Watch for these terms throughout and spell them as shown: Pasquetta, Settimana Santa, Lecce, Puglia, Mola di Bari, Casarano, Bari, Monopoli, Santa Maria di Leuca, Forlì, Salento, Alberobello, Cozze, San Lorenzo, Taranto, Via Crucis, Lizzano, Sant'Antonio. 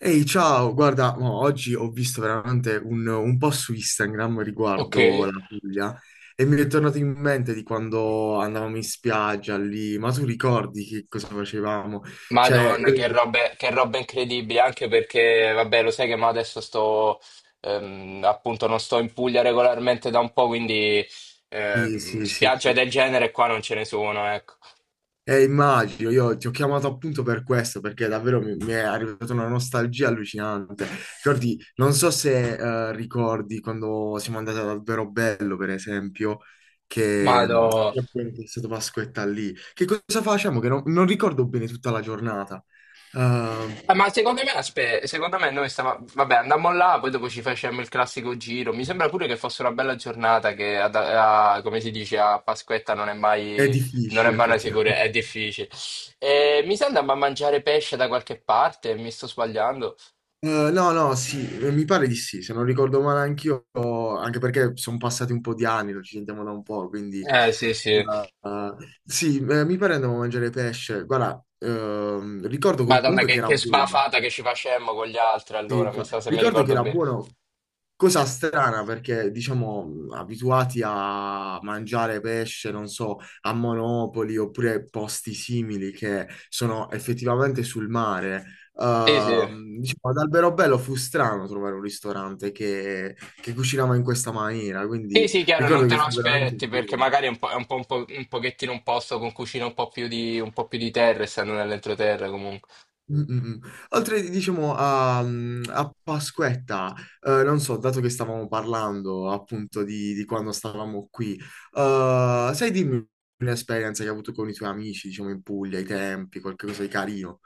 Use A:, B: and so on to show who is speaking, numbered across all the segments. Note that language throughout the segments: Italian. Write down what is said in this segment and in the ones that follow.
A: Ehi, ciao, guarda, mo, oggi ho visto veramente un po' su Instagram
B: Ok.
A: riguardo la Puglia e mi è tornato in mente di quando andavamo in spiaggia lì, ma tu ricordi che cosa facevamo? Cioè,
B: Madonna, che roba, che roba incredibile, anche perché, vabbè, lo sai che mo adesso sto, appunto, non sto in Puglia regolarmente da un po', quindi
A: sì, sì, sì,
B: spiagge
A: sì.
B: del genere qua non ce ne sono, ecco.
A: Immagino, io ti ho chiamato appunto per questo, perché davvero mi è arrivata una nostalgia allucinante. Ricordi, non so se ricordi quando siamo andati ad Alberobello, per esempio, che mh,
B: Madò.
A: che appunto è stata Pasquetta lì. Che cosa facciamo? Che non ricordo bene tutta la giornata. Eh,
B: Ma secondo me, secondo me noi stavamo, vabbè, andammo là, poi dopo ci facemmo il classico giro. Mi sembra pure che fosse una bella giornata, che come si dice a Pasquetta
A: è
B: non è
A: difficile,
B: mai una sicurezza,
A: effettivamente.
B: è difficile. E mi sa andammo a mangiare pesce da qualche parte, mi sto sbagliando.
A: No, no, sì, mi pare di sì, se non ricordo male anch'io, anche perché sono passati un po' di anni, non ci sentiamo da un po', quindi
B: Eh sì, sì.
A: sì, mi pare andavo a mangiare pesce. Guarda, ricordo
B: Madonna,
A: comunque che
B: che,
A: era
B: che
A: buono.
B: sbafata che ci facemmo con gli altri
A: Sì,
B: allora, mi sa se mi
A: ricordo che
B: ricordo
A: era
B: bene.
A: buono. Cosa strana perché, diciamo, abituati a mangiare pesce, non so, a Monopoli oppure posti simili che sono effettivamente sul mare,
B: Sì, sì.
A: diciamo, ad Alberobello fu strano trovare un ristorante che cucinava in questa maniera,
B: Sì,
A: quindi
B: sì, chiaro, non
A: ricordo
B: te
A: che
B: lo
A: fu veramente.
B: aspetti perché magari è un po', un po', un pochettino un posto con cucina un po' più di terra, essendo nell'entroterra comunque.
A: Mm, mm, mm. Oltre, diciamo, a Pasquetta, non so, dato che stavamo parlando appunto di quando stavamo qui, sai dimmi un'esperienza che hai avuto con i tuoi amici, diciamo, in Puglia, ai tempi, qualcosa di carino.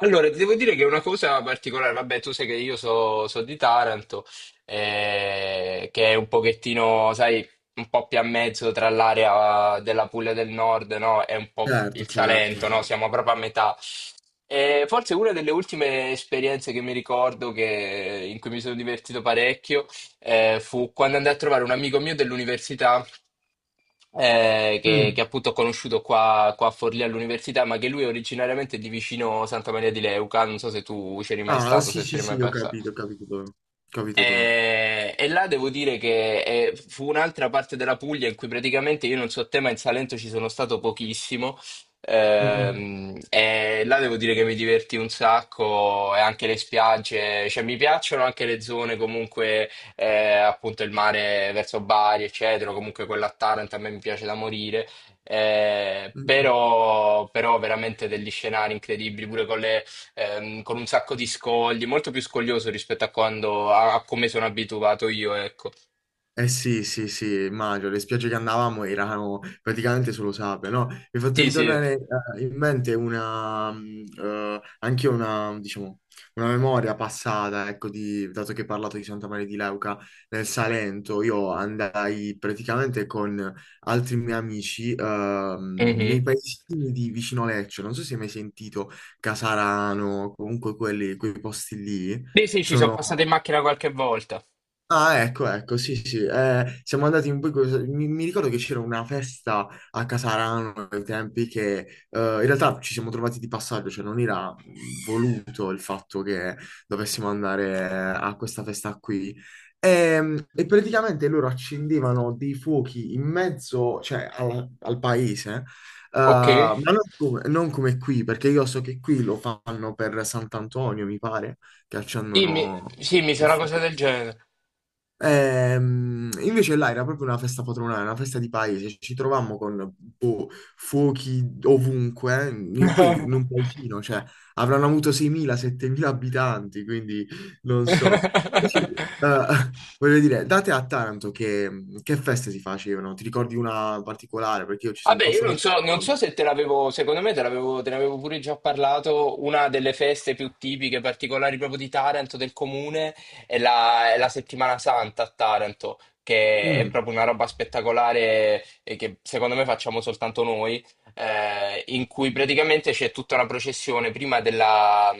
B: Allora, ti devo dire che è una cosa particolare, vabbè, tu sai che io so di Taranto, che è un pochettino, sai, un po' più a mezzo tra l'area della Puglia del Nord, no? E un po'
A: Certo,
B: il
A: certo.
B: Salento, no? Siamo proprio a metà. E forse una delle ultime esperienze che mi ricordo in cui mi sono divertito parecchio, fu quando andai a trovare un amico mio dell'università che
A: Mm.
B: appunto ho conosciuto qua a Forlì all'università, ma che lui è originariamente di vicino Santa Maria di Leuca. Non so se tu c'eri mai
A: Ah,
B: stato,
A: sì,
B: se
A: sì,
B: c'eri mai
A: sì,
B: passato.
A: ho capito dove. Ho capito dove.
B: E là devo dire che fu un'altra parte della Puglia in cui praticamente io non so te, ma in Salento ci sono stato pochissimo.
A: Mm.
B: E là devo dire che mi divertì un sacco e anche le spiagge, cioè mi piacciono anche le zone comunque, appunto il mare verso Bari, eccetera, comunque quella a Taranto a me mi piace da morire. Eh,
A: Mm. Mm.
B: però, però veramente degli scenari incredibili pure con le, con un sacco di scogli, molto più scoglioso rispetto a quando a come sono abituato io, ecco.
A: Eh sì, sì, sì, immagino, le spiagge che andavamo erano praticamente solo sabbia, no? Mi è fatto
B: Sì, sì.
A: ritornare in mente una, diciamo, una memoria passata, ecco, dato che hai parlato di Santa Maria di Leuca nel Salento, io andai praticamente con altri miei amici nei
B: Mhm.
A: paesini di vicino Lecce, non so se hai mai sentito Casarano, comunque quelli, quei posti lì,
B: Sì, sì, ci sono
A: sono.
B: passato in macchina qualche volta.
A: Ah, ecco, ecco, sì, sì, siamo andati un po' Mi ricordo che c'era una festa a Casarano ai tempi che in realtà ci siamo trovati di passaggio, cioè non era voluto il fatto che dovessimo andare a questa festa qui. E praticamente loro accendevano dei fuochi in mezzo, cioè al paese,
B: Ok.
A: ma non come qui, perché io so che qui lo fanno per Sant'Antonio, mi pare, che
B: Sì, mi,
A: accendono
B: sì, mi sa
A: il
B: una cosa
A: fuoco.
B: del genere.
A: Invece là era proprio una festa patronale, una festa di paese, ci trovammo con boh, fuochi ovunque, eh. Poi in un paesino, cioè avranno avuto 6.000-7.000 abitanti, quindi non so. Sì, eh, voglio dire, date a Taranto che feste si facevano, ti ricordi una particolare? Perché io ci sono
B: Vabbè, io
A: passato
B: non
A: più
B: so, non so
A: volte.
B: se te l'avevo, secondo me te l'avevo, te ne avevo pure già parlato, una delle feste più tipiche, particolari proprio di Taranto, del comune, è la Settimana Santa a Taranto, che è
A: Mm.
B: proprio una roba spettacolare e che secondo me facciamo soltanto noi, in cui praticamente c'è tutta una processione prima della...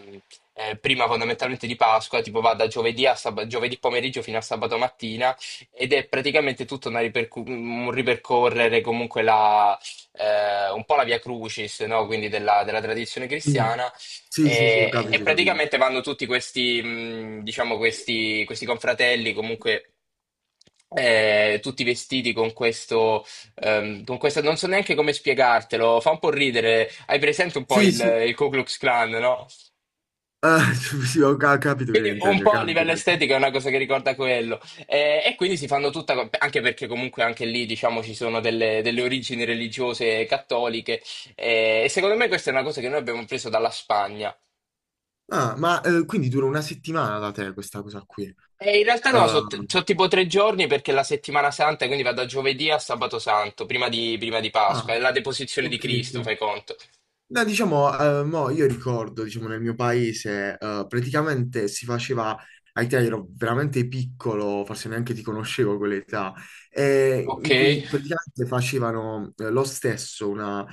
B: eh, prima fondamentalmente di Pasqua, tipo va da giovedì, giovedì pomeriggio fino a sabato mattina ed è praticamente tutta un ripercorrere comunque un po' la Via Crucis, no? Quindi della tradizione
A: Mm.
B: cristiana.
A: Sì, sì, sì, ho
B: E
A: capito, ho capito.
B: praticamente vanno tutti questi, diciamo, questi confratelli, comunque tutti vestiti con questa, non so neanche come spiegartelo, fa un po' ridere. Hai presente un po'
A: Sì,
B: il,
A: sì,
B: il Ku Klux Klan, no?
A: eh, sì, ho capito che
B: Quindi un
A: intendi, ho
B: po' a
A: capito.
B: livello estetico è una cosa che ricorda quello. E quindi si fanno tutta, anche perché comunque anche lì diciamo ci sono delle origini religiose cattoliche. E secondo me questa è una cosa che noi abbiamo preso dalla Spagna.
A: Ah, ma quindi dura una settimana da te questa cosa qui.
B: E in realtà no,
A: Eh,
B: sono tipo 3 giorni perché la settimana santa, quindi va da giovedì a sabato santo, prima di Pasqua, è
A: ah,
B: la deposizione di
A: ok,
B: Cristo,
A: ok.
B: fai conto.
A: No, diciamo, mo io ricordo, diciamo, nel mio paese, praticamente si faceva, ai te ero veramente piccolo, forse neanche ti conoscevo a quell'età,
B: Ok?
A: in cui praticamente facevano lo stesso, una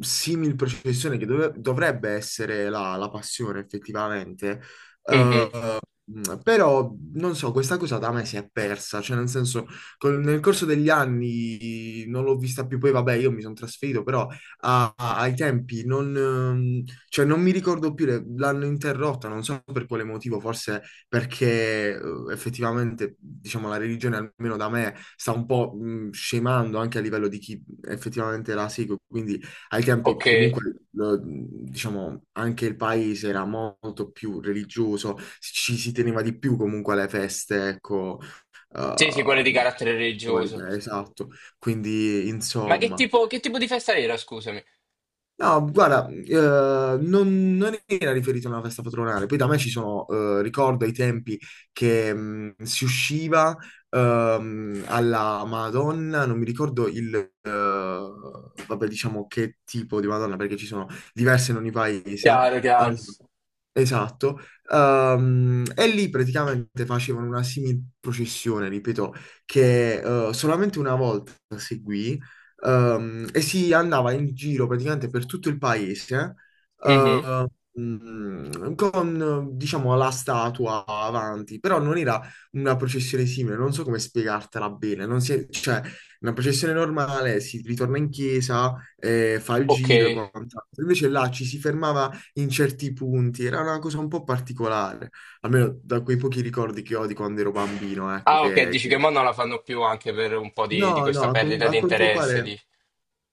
A: simil processione che dovrebbe essere la passione effettivamente. eh,
B: Mhm.
A: Però non so, questa cosa da me si è persa, cioè nel senso, nel corso degli anni non l'ho vista più, poi vabbè, io mi sono trasferito, però ai tempi non, cioè, non mi ricordo più, l'hanno interrotta, non so per quale motivo, forse perché effettivamente, diciamo, la religione almeno da me sta un po' scemando anche a livello di chi effettivamente la segue, quindi ai tempi
B: Ok.
A: comunque diciamo, anche il paese era molto più religioso, ci si teneva di più comunque alle feste, ecco,
B: Sì, sì, quelle di
A: eh,
B: carattere religioso.
A: cattoliche, esatto. Quindi,
B: Ma
A: insomma.
B: che tipo di festa era, scusami?
A: No, guarda, non era riferito a una festa patronale. Poi da me ci sono, ricordo ai tempi che si usciva alla Madonna, non mi ricordo vabbè, diciamo che tipo di Madonna, perché ci sono diverse in ogni paese.
B: Chiaro, chiaro.
A: Esatto. E lì praticamente facevano una simil processione, ripeto, che solamente una volta seguì. E si andava in giro praticamente per tutto il paese,
B: Mhm.
A: eh, con diciamo la statua avanti, però non era una processione simile, non so come spiegartela bene, non si è- cioè una processione normale si ritorna in chiesa, fa il
B: Ok.
A: giro e quant'altro, invece là ci si fermava in certi punti, era una cosa un po' particolare, almeno da quei pochi ricordi che ho di quando ero bambino, ecco
B: Ah, ok,
A: che,
B: dici che
A: che.
B: mo non la fanno più anche per un po' di
A: No, no,
B: questa perdita
A: a
B: di
A: quanto
B: interesse.
A: pare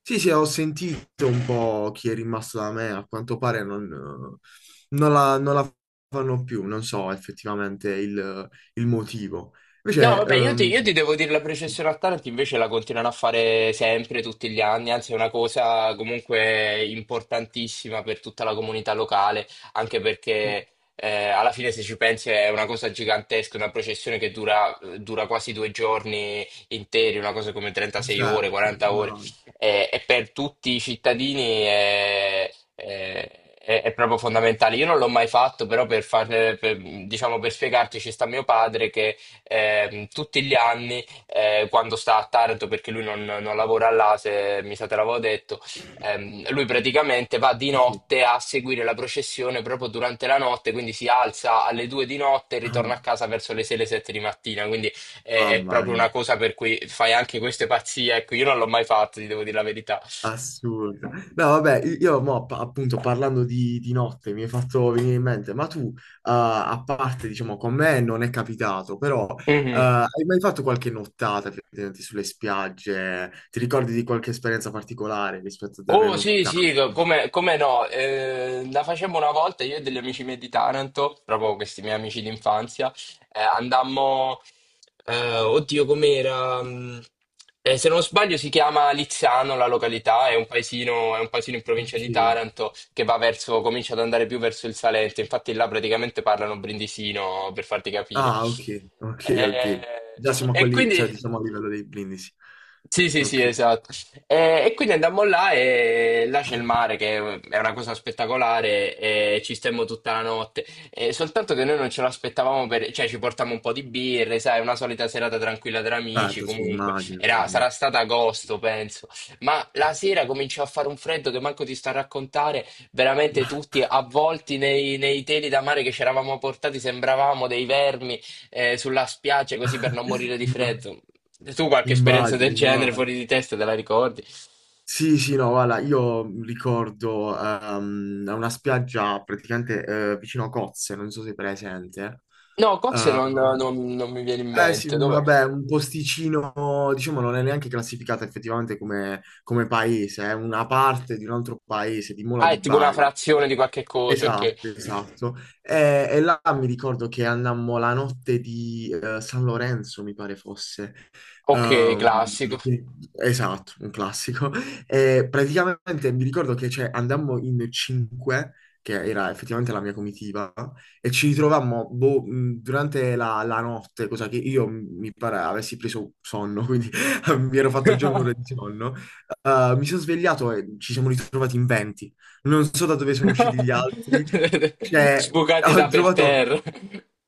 A: sì, sì, ho sentito un po' chi è rimasto da me, a quanto pare non, non la fanno più, non so effettivamente il motivo.
B: No,
A: Invece,
B: vabbè, io ti, io ti devo dire la processione a Taranto invece la continuano a fare sempre, tutti gli anni, anzi è una cosa comunque importantissima per tutta la comunità locale, anche perché alla fine se ci pensi è una cosa gigantesca, una processione che dura quasi 2 giorni interi, una cosa come 36 ore,
A: certo,
B: 40 ore,
A: no,
B: e per tutti i cittadini è proprio fondamentale. Io non l'ho mai fatto, però diciamo, per spiegarti ci sta mio padre che tutti gli anni quando sta a Taranto, perché lui non lavora là, se mi sa te l'avevo detto, lui praticamente va di
A: sì, sì.
B: notte a seguire la processione proprio durante la notte, quindi si alza alle 2 di notte e
A: Ah,
B: ritorna a casa verso le 6, le 7 di mattina, quindi è
A: mamma
B: proprio
A: mia.
B: una cosa per cui fai anche queste pazzie, ecco, io non l'ho mai fatto, ti devo dire la verità.
A: Assurda. No, vabbè, io mo, appunto parlando di notte mi hai fatto venire in mente, ma tu, a parte, diciamo, con me non è capitato, però
B: Mhm.
A: hai mai fatto qualche nottata effettivamente sulle spiagge? Ti ricordi di qualche esperienza particolare rispetto a delle
B: Oh sì, sì,
A: nottate?
B: come no, la facemmo una volta io e degli amici miei di Taranto, proprio questi miei amici d'infanzia, andammo, oddio com'era, se non sbaglio si chiama Lizzano la località, è un paesino in provincia
A: Ok.
B: di Taranto che va verso, comincia ad andare più verso il Salento, infatti là praticamente parlano brindisino per farti capire.
A: Ah, ok, ok, ok.
B: Eh,
A: Già siamo a
B: e
A: quelli, cioè,
B: quindi...
A: diciamo, a livello dei brindisi.
B: Sì, sì, sì,
A: Ok,
B: esatto. E quindi andammo là e là c'è il mare che è una cosa spettacolare e ci stemmo tutta la notte. E soltanto che noi non ce l'aspettavamo cioè ci portammo un po' di birre, sai, una solita serata tranquilla tra amici,
A: certo, sì,
B: comunque.
A: immagino, immagino.
B: Sarà stato agosto, penso. Ma la sera cominciò a fare un freddo che manco ti sta a raccontare, veramente tutti avvolti nei teli da mare che ci eravamo portati, sembravamo dei vermi sulla spiaggia così per non morire di freddo. Se tu qualche esperienza
A: Immagino,
B: del genere
A: immagino.
B: fuori di testa te la ricordi?
A: Sì, sì, no, guarda, io ricordo una spiaggia praticamente vicino a Cozze, non so se è presente.
B: No, cozze
A: Ehm,
B: non mi viene in
A: eh sì,
B: mente. Dove...
A: vabbè, un posticino, diciamo, non è neanche classificata effettivamente come, come paese, è una parte di un altro paese, di Mola
B: Ah,
A: di
B: è tipo una
A: Bari.
B: frazione di qualche cosa, ok.
A: Esatto, esatto. E là mi ricordo che andammo la notte di San Lorenzo, mi pare fosse.
B: Ok,
A: Ehm,
B: classico.
A: sì, esatto, un classico. E praticamente mi ricordo che cioè, andammo in cinque, che era effettivamente la mia comitiva, e ci ritrovammo boh, durante la notte, cosa che io mi pare avessi preso sonno, quindi mi ero fatto già un'ora di sonno. Mi sono svegliato e ci siamo ritrovati in 20. Non so da dove sono usciti gli altri. Cioè,
B: Sbucati
A: ho
B: da per
A: trovato,
B: terra.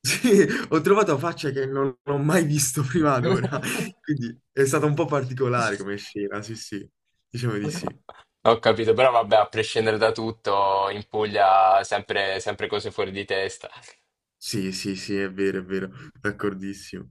A: sì, ho trovato facce che non ho mai visto prima ad ora. Quindi è stata un po' particolare come scena, sì, sì. Diciamo di sì.
B: Ho capito, però vabbè, a prescindere da tutto, in Puglia sempre sempre cose fuori di testa.
A: Sì, sì, sì, è vero, è vero. D'accordissimo.